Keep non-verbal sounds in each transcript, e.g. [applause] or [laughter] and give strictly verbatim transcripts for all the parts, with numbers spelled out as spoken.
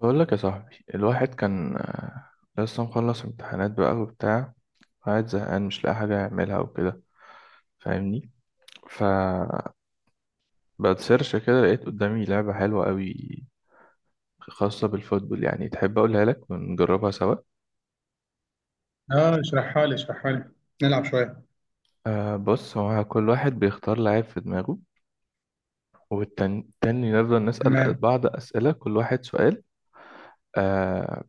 بقول لك يا صاحبي الواحد كان آه، لسه مخلص امتحانات بقى وبتاع، قاعد زهقان مش لاقي حاجة يعملها وكده. فاهمني؟ فبتسيرش كده لقيت قدامي لعبة حلوة قوي خاصة بالفوتبول، يعني تحب أقولها لك ونجربها سوا. اه، اشرحها لي، اشرحها لي. نلعب شوية. آه بص، هو كل واحد بيختار لاعب في دماغه، والتاني التاني نفضل نسأل تمام. بعض أسئلة، كل واحد سؤال. آه،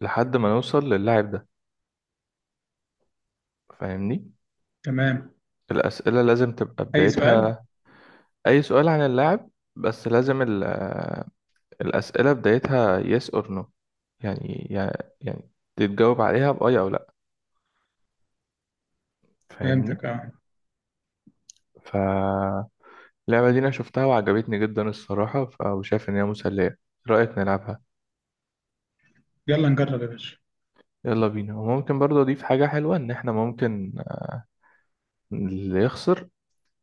لحد ما نوصل للاعب ده. فاهمني؟ تمام. الأسئلة لازم تبقى أي سؤال؟ بدايتها، أي سؤال عن اللاعب، بس لازم ال الأسئلة بدايتها yes or no، يعني يع- يعني تتجاوب عليها بأي أو لأ. فاهمني؟ فهمتك اه. فاللعبة دي أنا شفتها وعجبتني جدا الصراحة، ف- وشايف إن هي مسلية. إيه رأيك نلعبها؟ يلا نجرب يا باشا. يلا بينا. وممكن برضه أضيف حاجة حلوة، إن إحنا ممكن اللي يخسر،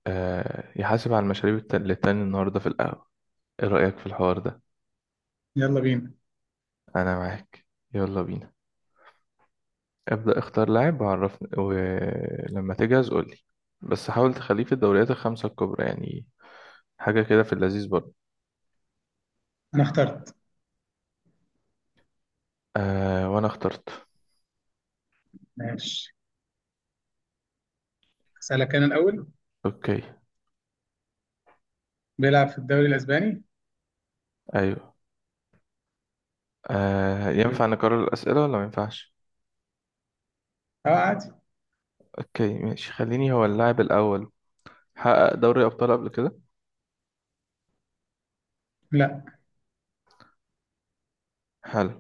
آه، يحاسب على المشاريب الت- للتاني النهاردة في القهوة. إيه رأيك في الحوار ده؟ يلا بينا. أنا معاك، يلا بينا. ابدأ اختار لاعب وعرفني، ولما تجهز قولي. بس حاول تخليه في الدوريات الخمسة الكبرى، يعني حاجة كده في اللذيذ برضه. أنا اخترت. آه وأنا اخترت. ماشي. أسألك أنا الأول. أوكي. بيلعب في الدوري الأسباني؟ أيوه. آه حلو. ينفع نكرر الأسئلة ولا ما ينفعش؟ اه عادي. أوكي ماشي، خليني هو اللاعب الأول. حقق دوري أبطال قبل كده؟ لا. حلو.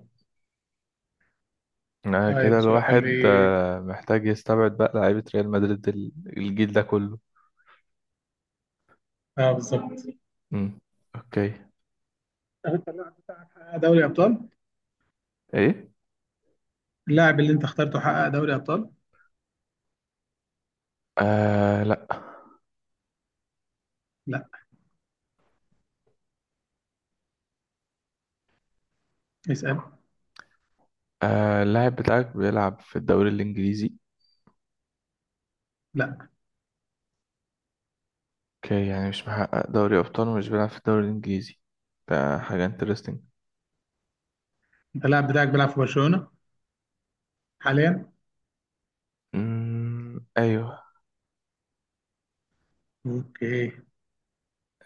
آه كده طيب الواحد سؤالي. آه محتاج يستبعد بقى لعيبة ريال مدريد ال- الجيل ده كله. اه بالظبط. مم. أوكي. أنت حقق دوري أبطال؟ إيه؟ اللاعب اللي أنت اخترته حقق دوري أبطال؟ آه لأ. لا. اسأل. آه اللاعب بتاعك بيلعب في الدوري الإنجليزي؟ لا. أوكي، يعني مش محقق دوري أبطال ومش بيلعب في الدوري الإنجليزي. ده حاجة انترستنج. أنت اللاعب بتاعك بيلعب في برشلونة حاليا؟ أمم، ايوه. اوكي.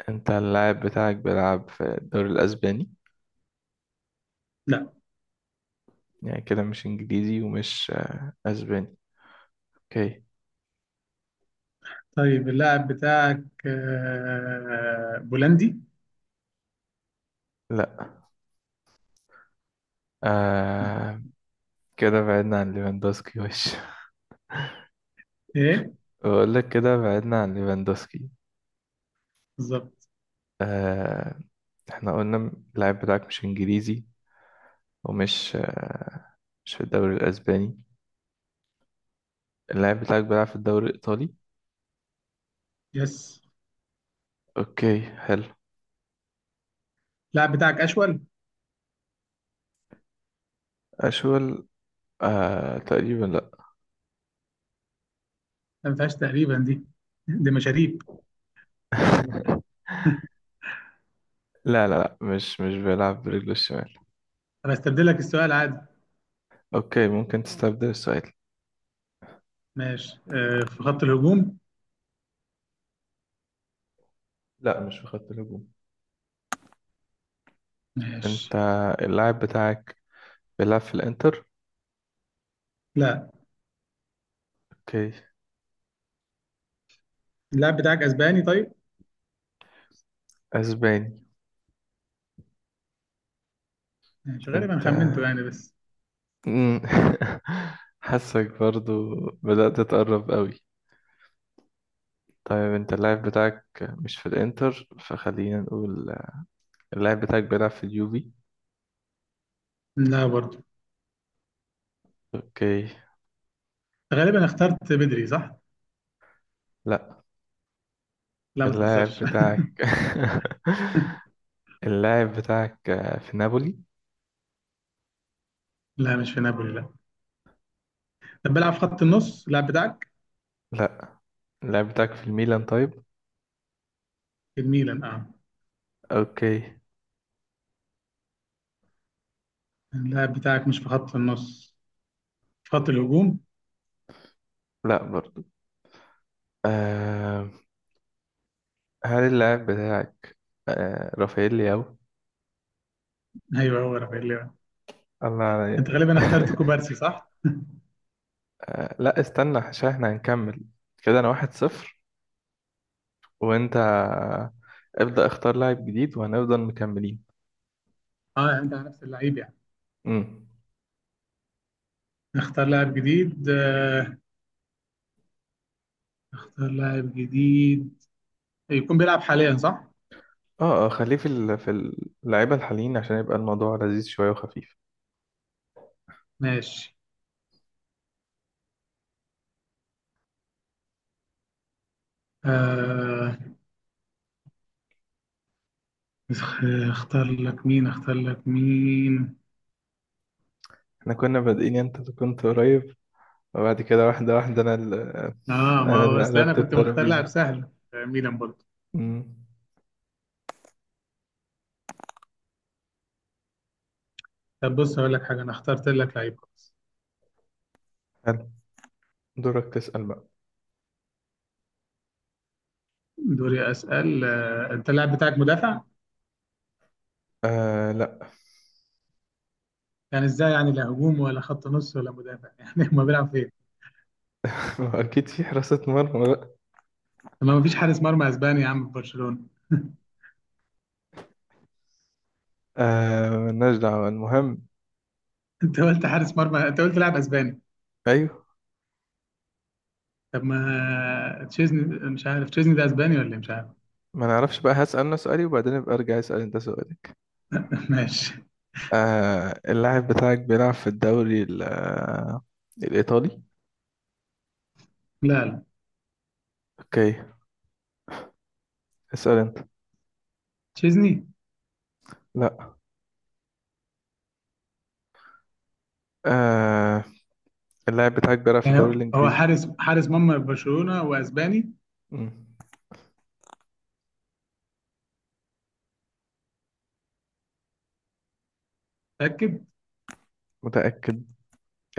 انت اللاعب بتاعك بيلعب في الدوري الاسباني؟ لا. يعني كده مش انجليزي ومش آه، اسباني. اوكي. طيب اللاعب بتاعك آه، بولندي؟ لا. آه كده بعدنا عن ليفاندوسكي. [laughs] وش؟ ايه بقول لك كده بعدنا عن ليفاندوسكي. بالظبط. آه، احنا قلنا اللاعب بتاعك مش انجليزي ومش آه مش في الدوري الاسباني. اللاعب بتاعك بيلعب في الدوري الايطالي؟ يس. اوكي حلو. اللاعب بتاعك اشول. اشول؟ آه تقريبا لا. ما فيهاش تقريبا دي، دي مشاريب. [laughs] لا لا لا، مش مش بيلعب برجله الشمال. طب هستبدل لك السؤال عادي. اوكي ممكن تستبدل السؤال. ماشي، آه في خط الهجوم. لا مش في خط الهجوم. انت ماشي. اللاعب بتاعك بيلعب في الانتر؟ لا. اوكي. اللاعب بتاعك اسباني طيب. اسباني؟ ماشي، غالبا انت، خمنته يعني بس. مم. [laughs] حاسك برضو بدأت تقرب قوي. طيب انت اللاعب بتاعك مش في الانتر، فخلينا نقول اللاعب بتاعك بيلعب في اليوفي؟ لا برضه. اوكي. غالبا اخترت بدري صح. لا. لا ما اللاعب تهزرش. بتاعك، [laughs] اللاعب بتاعك في نابولي؟ [laughs] لا مش في نابولي، لا. طب بلعب في خط اوكي. النص اللاعب بتاعك؟ لا. اللاعب بتاعك في الميلان طيب؟ في الميلان اه. اوكي. اللاعب بتاعك مش في خط النص، في خط الهجوم. لا برضو. آم، هل اللاعب بتاعك آه رافائيل لياو؟ ايوه هو رافائيل ليفا. الله انت عليا! غالبا اخترت [laughs] كوبارسي صح. آه لا استنى، عشان احنا هنكمل. كده انا واحد صفر، وانت ابدأ اختار لاعب جديد وهنفضل مكملين. اه انت على نفس اللعيب يعني. امم. نختار لاعب جديد. آه، اختار لاعب جديد. يكون بيلعب حاليا صح؟ اه اه، خليه في ال- في اللعيبة الحاليين عشان يبقى الموضوع لذيذ شوية وخفيف. ماشي. آه... اخ- اختار لك مين، اختار لك مين. احنا كنا بادئين، انت كنت قريب، وبعد كده واحدة واحدة انا اللي، اه [laughs] ما انا هو اللي اصل انا قلبت كنت مختار لاعب الترابيزة. سهل، آه، ميلان برضه. امم. طب بص اقول لك حاجه، انا اخترت لك لعيب خلاص. حلو. دورك تسأل بقى. دوري اسال. آه... انت اللاعب بتاعك مدافع؟ آه لا. يعني ازاي يعني لا هجوم ولا خط نص ولا مدافع [laughs] يعني ما بيلعب فين؟ [laughs] ما هو اكيد في حراسة مرمى. طب ما فيش حارس مرمى اسباني يا عم في برشلونه. آه مالناش دعوة، المهم. [laughs] انت قلت حارس مرمى، انت قلت لاعب اسباني. أيوه. طب ما تشيزني. مش عارف تشيزني ده اسباني ولا إيه؟ مش عارف. ما نعرفش بقى، هسأل أنا سؤالي وبعدين أبقى أرجع أسأل أنت سؤالك. [laughs] ماشي. آه اللاعب بتاعك بيلعب في الدوري ال- آه، الإيطالي؟ لا لا أوكي. اسأل أنت. تشيزني. لا. آه اللاعب بتاعك بيلعب في يعني الدوري هو الإنجليزي؟ حارس حارس مرمى برشلونة واسباني. مم. متأكد. متأكد.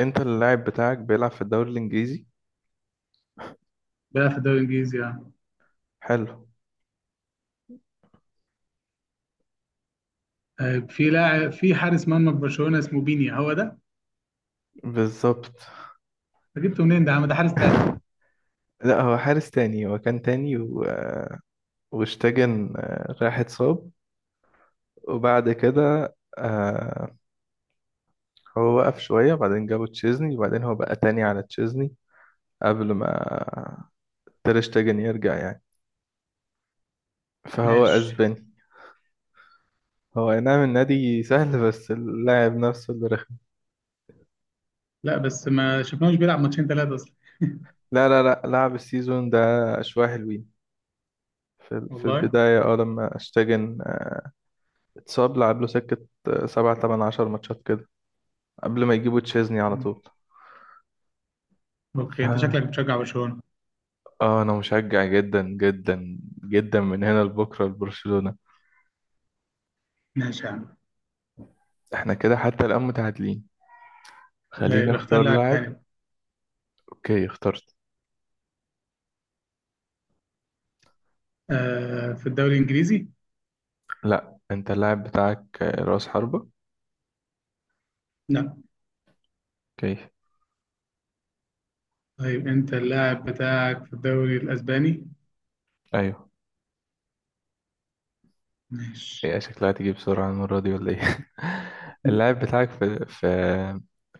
أنت اللاعب بتاعك بيلعب في الدوري الإنجليزي. بيلعب في الدوري الانجليزي يعني. حلو. آه، في لاعب، في حارس مرمى في برشلونة اسمه بينيا، هو ده. بالظبط. أنت جبته منين ده؟ عم ده حارس تالت. [laughs] لا هو حارس تاني، هو كان تاني و... واشتجن آه، راح اتصاب، وبعد كده، آه، هو وقف شوية، بعدين جابوا تشيزني، وبعدين هو بقى تاني على تشيزني قبل ما تير شتيجن يرجع يعني. فهو ماشي. أسباني. هو أي نعم النادي سهل، بس اللاعب نفسه اللي رخم. لا بس ما شفناهوش بيلعب ماتشين ثلاثة اصلا. لا لا لا، لعب السيزون ده شوية حلوين في في والله. البداية اه لما اشتاجن اتصاب، لعب له سكة سبعة تمن عشر ماتشات كده قبل ما يجيبوا تشيزني على طول. ف اوكي انت شكلك بتشجع برشلونة. اه، أنا مشجع جدا جدا جدا من هنا لبكرة لبرشلونة. ماشي يا عم. احنا كده حتى الآن متعادلين. خليني طيب اختار اختار لاعب لاعب. تاني. اوكي اخترت. آه في الدوري الانجليزي. لا. انت اللاعب بتاعك آه، رأس حربة؟ لا. اوكي. طيب انت اللاعب بتاعك في الدوري الاسباني. ايوه. ماشي. ايه شكلها تيجي بسرعة المرة دي ولا ايه؟ [laughs] اللاعب بتاعك في في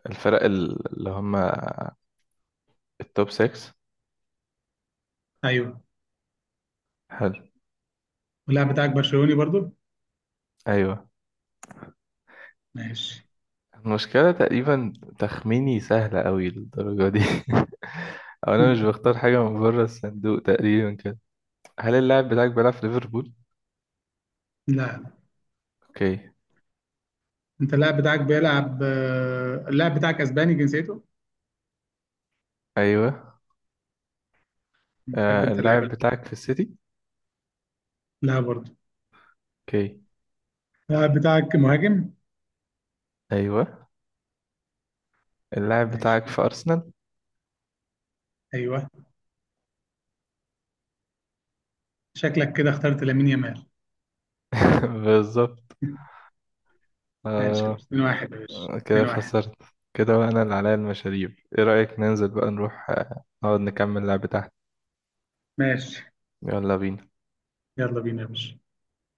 الفرق ال- اللي هم التوب ستة؟ [laughs] ايوه. حلو. واللاعب بتاعك برشلوني برضو. ايوه. ماشي. المشكلة تقريبا تخميني سهلة قوي للدرجة دي، [laughs] او انا مش بختار حاجة من بره الصندوق تقريبا كده. هل اللاعب بتاعك بيلعب في ليفربول؟ لا. اوكي. انت اللاعب بتاعك بيلعب، آه، اللاعب بتاعك اسباني جنسيته. ايوه. بتحب آه انت اللاعب اللعيبه. بتاعك في السيتي؟ لا برضه. اوكي. اللاعب بتاعك مهاجم. ايوه. اللاعب بتاعك ماشي. في ارسنال؟ ايوه. شكلك كده اخترت لامين يامال. [laughs] بالظبط. [laughs] ماشي يا آه، باشا، اتنين واحد يا باشا، كده اتنين واحد. خسرت. كده بقى انا اللي عليا المشاريب. ايه رأيك ننزل بقى نروح، آه، نقعد نكمل لعب تحت؟ ماشي. يلا بينا. يلا بينا يا باشا.